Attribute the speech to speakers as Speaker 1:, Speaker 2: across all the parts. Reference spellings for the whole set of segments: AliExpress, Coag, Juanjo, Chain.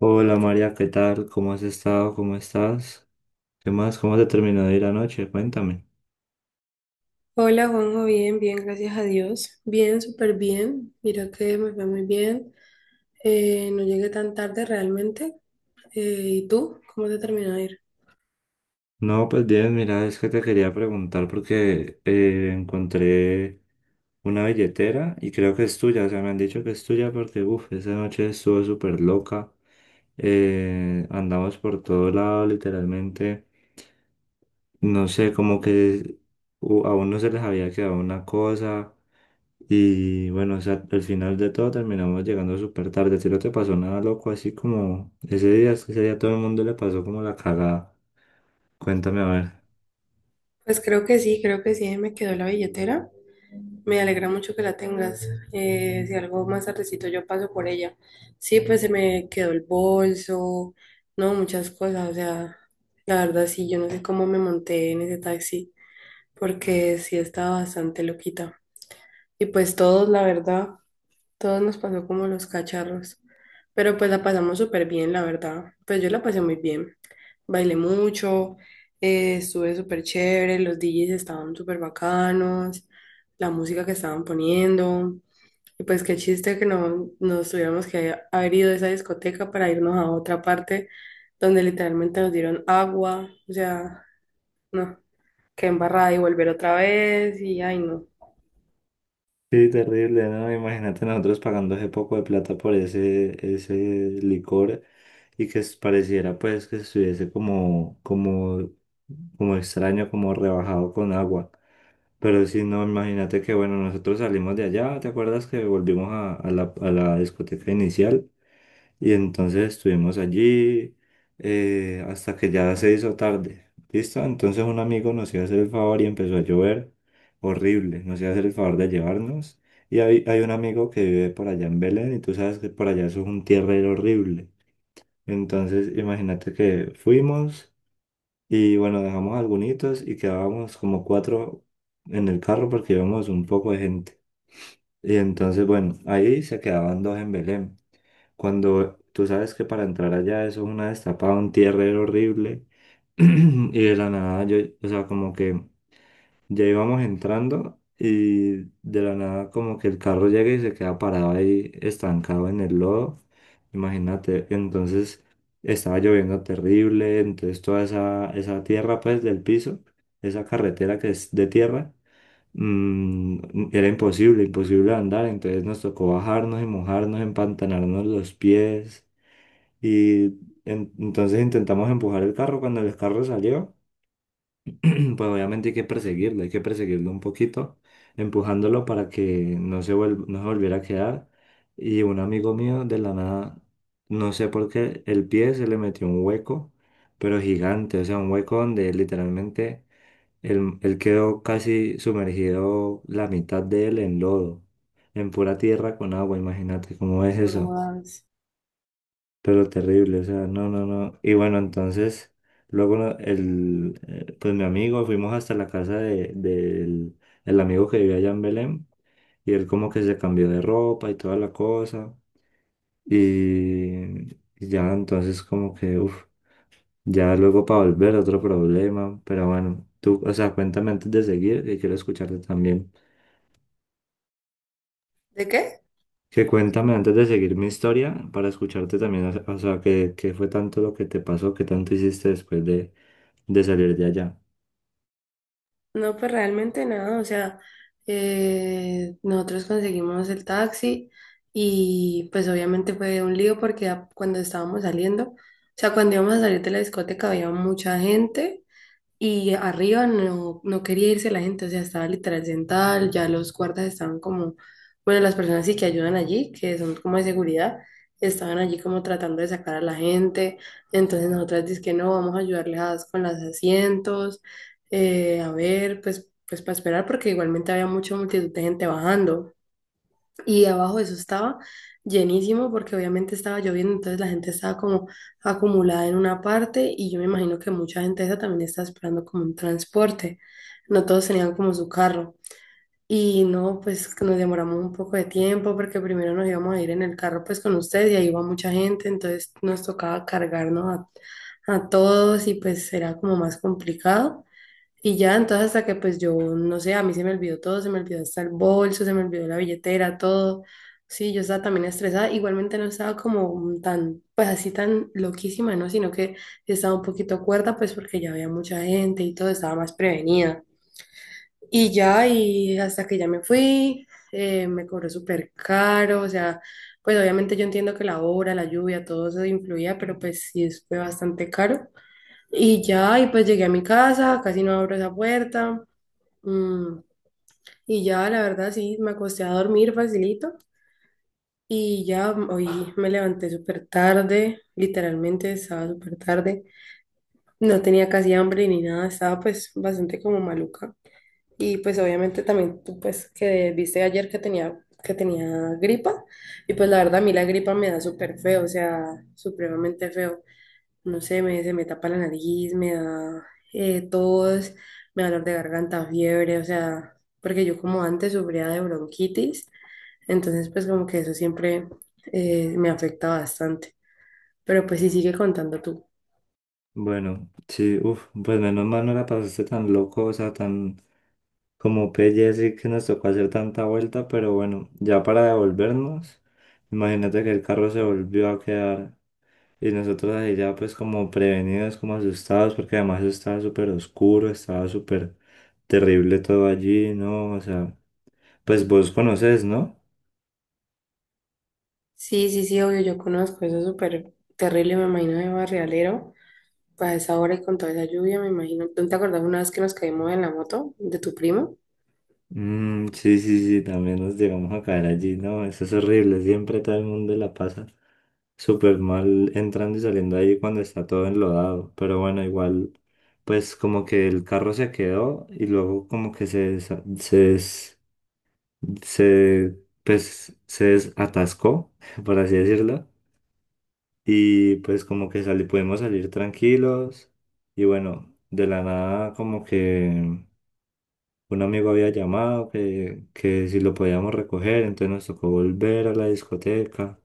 Speaker 1: Hola María, ¿qué tal? ¿Cómo has estado? ¿Cómo estás? ¿Qué más? ¿Cómo te terminó de ir anoche? Cuéntame.
Speaker 2: Hola Juanjo, bien, bien, gracias a Dios. Bien, súper bien. Mira que me fue muy bien. No llegué tan tarde realmente. Eh, ¿Y tú? ¿Cómo te terminó de ir?
Speaker 1: No, pues bien, mira, es que te quería preguntar porque encontré una billetera y creo que es tuya, o sea, me han dicho que es tuya porque, uff, esa noche estuvo súper loca. Andamos por todo lado, literalmente. No sé, como que a uno se les había quedado una cosa, y bueno, o sea, al final de todo terminamos llegando súper tarde. Si no te pasó nada loco, así como ese día, es que ese día todo el mundo le pasó como la cagada. Cuéntame a ver.
Speaker 2: Pues creo que sí, ahí me quedó la billetera. Me alegra mucho que la tengas. Si algo más tardecito yo paso por ella. Sí, pues se me quedó el bolso, no, muchas cosas. O sea, la verdad sí, yo no sé cómo me monté en ese taxi, porque sí estaba bastante loquita. Y pues todos, la verdad. Todos nos pasó como los cacharros, pero pues la pasamos súper bien, la verdad. Pues yo la pasé muy bien. Bailé mucho, estuve súper chévere, los DJs estaban súper bacanos, la música que estaban poniendo. Y pues qué chiste que no nos tuviéramos que haber ido de esa discoteca para irnos a otra parte donde literalmente nos dieron agua. O sea, no, qué embarrada y volver otra vez y ay no,
Speaker 1: Sí, terrible, ¿no? Imagínate nosotros pagando ese poco de plata por ese licor y pareciera pues que estuviese como extraño, como rebajado con agua. Pero sí, no, imagínate que bueno, nosotros salimos de allá. ¿Te acuerdas que volvimos a a la discoteca inicial? Y entonces estuvimos allí hasta que ya se hizo tarde. ¿Listo? Entonces un amigo nos iba a hacer el favor y empezó a llover horrible. Nos iba a hacer el favor de llevarnos. Y hay un amigo que vive por allá en Belén y tú sabes que por allá eso es un tierrero horrible. Entonces imagínate que fuimos y bueno, dejamos algunos y quedábamos como cuatro en el carro porque íbamos un poco de gente. Y entonces bueno, ahí se quedaban dos en Belén. Cuando tú sabes que para entrar allá eso es una destapada, un tierrero horrible. Y de la nada yo, o sea, como que ya íbamos entrando y de la nada como que el carro llega y se queda parado ahí estancado en el lodo. Imagínate, entonces estaba lloviendo terrible, entonces toda esa tierra pues del piso, esa carretera que es de tierra, era imposible andar, entonces nos tocó bajarnos y mojarnos, empantanarnos los pies. Y entonces intentamos empujar el carro. Cuando el carro salió, pues obviamente hay que perseguirlo un poquito, empujándolo para que no se volviera a quedar. Y un amigo mío de la nada, no sé por qué, el pie se le metió un hueco, pero gigante, o sea, un hueco donde literalmente él quedó casi sumergido la mitad de él en lodo, en pura tierra con agua, imagínate cómo es
Speaker 2: no
Speaker 1: eso,
Speaker 2: jodas.
Speaker 1: pero terrible, o sea, no, no, no. Y bueno, entonces, luego pues mi amigo, fuimos hasta la casa del el amigo que vivía allá en Belén, y él como que se cambió de ropa y toda la cosa, y ya entonces como que, uff, ya luego para volver otro problema, pero bueno, tú, o sea, cuéntame antes de seguir, que quiero escucharte también.
Speaker 2: ¿De qué?
Speaker 1: Que cuéntame antes de seguir mi historia para escucharte también, o sea, qué, qué fue tanto lo que te pasó, qué tanto hiciste después de salir de allá.
Speaker 2: No, pues realmente nada, o sea, nosotros conseguimos el taxi y pues obviamente fue un lío porque a- cuando estábamos saliendo, o sea, cuando íbamos a salir de la discoteca había mucha gente y arriba no, no quería irse la gente, o sea, estaba literal sentada, ya los guardas estaban como, bueno, las personas sí que ayudan allí, que son como de seguridad, estaban allí como tratando de sacar a la gente, entonces nosotras dices que no, vamos a ayudarles a- con los asientos, a ver, pues, para esperar, porque igualmente había mucha multitud de gente bajando. Y abajo eso estaba llenísimo porque obviamente estaba lloviendo, entonces la gente estaba como acumulada en una parte y yo me imagino que mucha gente esa también estaba esperando como un transporte. No todos tenían como su carro. Y no, pues nos demoramos un poco de tiempo porque primero nos íbamos a ir en el carro pues con ustedes y ahí iba mucha gente, entonces nos tocaba cargarnos a todos y pues era como más complicado. Y ya, entonces hasta que pues yo, no sé, a mí se me olvidó todo, se me olvidó hasta el bolso, se me olvidó la billetera, todo. Sí, yo estaba también estresada, igualmente no estaba como tan, pues así tan loquísima, ¿no? Sino que estaba un poquito cuerda, pues porque ya había mucha gente y todo, estaba más prevenida. Y ya, y hasta que ya me fui, me cobró súper caro, o sea, pues obviamente yo entiendo que la hora, la lluvia, todo eso influía, pero pues sí, es- fue bastante caro. Y ya, y pues llegué a mi casa, casi no abro esa puerta. Mm, y ya, la verdad, sí, me acosté a dormir facilito y ya hoy me levanté súper tarde, literalmente estaba súper tarde, no tenía casi hambre ni nada, estaba pues bastante como maluca. Y pues obviamente también tú pues que viste ayer que tenía gripa y pues la verdad a mí la gripa me da súper feo, o sea, supremamente feo. No sé, se me tapa la nariz, me da tos, me da dolor de garganta, fiebre, o sea, porque yo como antes sufría de bronquitis, entonces pues como que eso siempre me afecta bastante. Pero pues sí, sigue contando tú.
Speaker 1: Bueno, sí, uff, pues menos mal no la pasaste tan loco, o sea, tan como pelle, así que nos tocó hacer tanta vuelta, pero bueno, ya para devolvernos, imagínate que el carro se volvió a quedar y nosotros ahí ya pues como prevenidos, como asustados, porque además estaba súper oscuro, estaba súper terrible todo allí, ¿no? O sea... Pues vos conoces, ¿no?
Speaker 2: Sí, sí, sí, obvio, yo conozco, eso es súper terrible, me imagino de barrialero, a esa hora y con toda esa lluvia, me imagino. ¿Tú te acordás una vez que nos caímos en la moto de tu primo?
Speaker 1: Mm, sí, sí, sí, también nos llegamos a caer allí, ¿no? Eso es horrible, siempre todo el mundo la pasa súper mal entrando y saliendo ahí cuando está todo enlodado, pero bueno, igual, pues como que el carro se quedó y luego como que se, desa- se, des- se, pues, se desatascó, por así decirlo, y pues como que pudimos salir tranquilos y bueno, de la nada como que... un amigo había llamado que si lo podíamos recoger, entonces nos tocó volver a la discoteca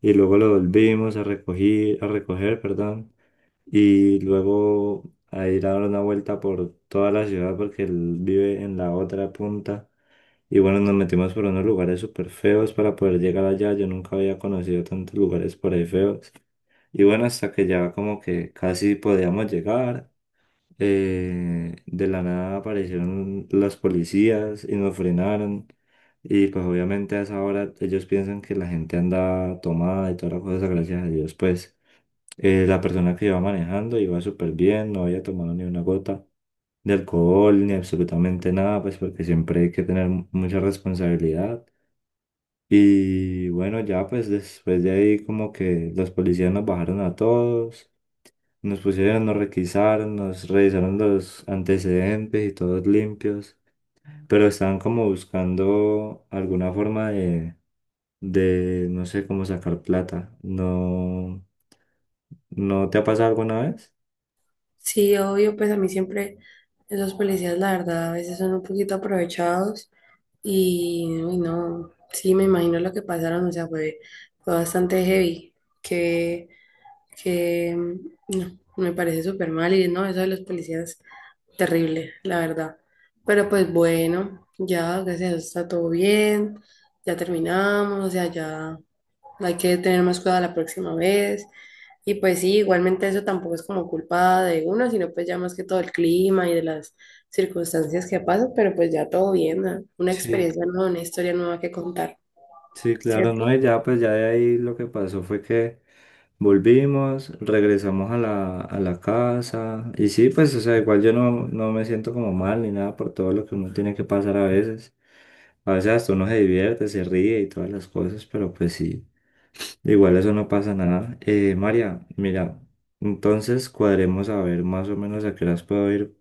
Speaker 1: y luego lo volvimos a recoger, perdón, y luego a ir a dar una vuelta por toda la ciudad porque él vive en la otra punta. Y bueno, nos metimos por unos lugares súper feos para poder llegar allá. Yo nunca había conocido tantos lugares por ahí feos. Y bueno, hasta que ya como que casi podíamos llegar, de la nada aparecieron las policías y nos frenaron. Y pues obviamente a esa hora ellos piensan que la gente anda tomada y todas las cosas, gracias a Dios. Pues la persona que iba manejando iba súper bien, no había tomado ni una gota de alcohol ni absolutamente nada, pues porque siempre hay que tener mucha responsabilidad. Y bueno, ya pues después de ahí como que los policías nos bajaron a todos. Nos pusieron, nos requisaron, nos revisaron los antecedentes y todos limpios, pero estaban como buscando alguna forma de, no sé, cómo sacar plata. ¿No, no te ha pasado alguna vez?
Speaker 2: Sí, obvio, pues a mí siempre esos policías, la verdad, a veces son un poquito aprovechados. Y uy, no, sí, me imagino lo que pasaron, o sea, fue bastante heavy, que, no, me parece súper mal y no, eso de los policías, terrible, la verdad. Pero pues bueno, ya, gracias a Dios está todo bien, ya terminamos, o sea, ya, hay que tener más cuidado la próxima vez. Y pues sí, igualmente eso tampoco es como culpa de uno, sino pues ya más que todo el clima y de las circunstancias que pasan, pero pues ya todo bien, ¿no? Una
Speaker 1: Sí,
Speaker 2: experiencia nueva, una historia nueva que contar,
Speaker 1: sí, claro,
Speaker 2: ¿cierto?
Speaker 1: no, y ya pues ya de ahí lo que pasó fue que volvimos, regresamos a a la casa y sí, pues o sea, igual yo no, no me siento como mal ni nada por todo lo que uno tiene que pasar a veces. A veces hasta uno se divierte, se ríe y todas las cosas, pero pues sí, igual eso no pasa nada. María, mira, entonces cuadremos a ver más o menos a qué horas puedo ir,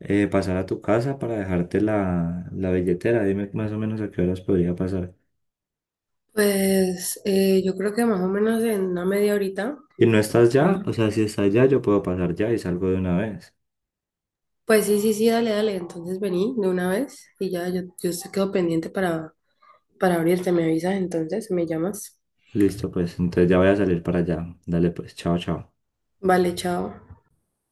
Speaker 1: pasar a tu casa para dejarte la billetera. Dime más o menos a qué horas podría pasar.
Speaker 2: Pues yo creo que más o menos en una media horita.
Speaker 1: Y no estás ya, o
Speaker 2: ¿No?
Speaker 1: sea, si estás ya, yo puedo pasar ya y salgo de una vez.
Speaker 2: Pues sí, sí, sí, dale, dale. Entonces vení de una vez y ya yo te quedo pendiente para abrirte, me avisas entonces, me llamas.
Speaker 1: Listo, pues, entonces ya voy a salir para allá. Dale, pues, chao, chao.
Speaker 2: Vale, chao.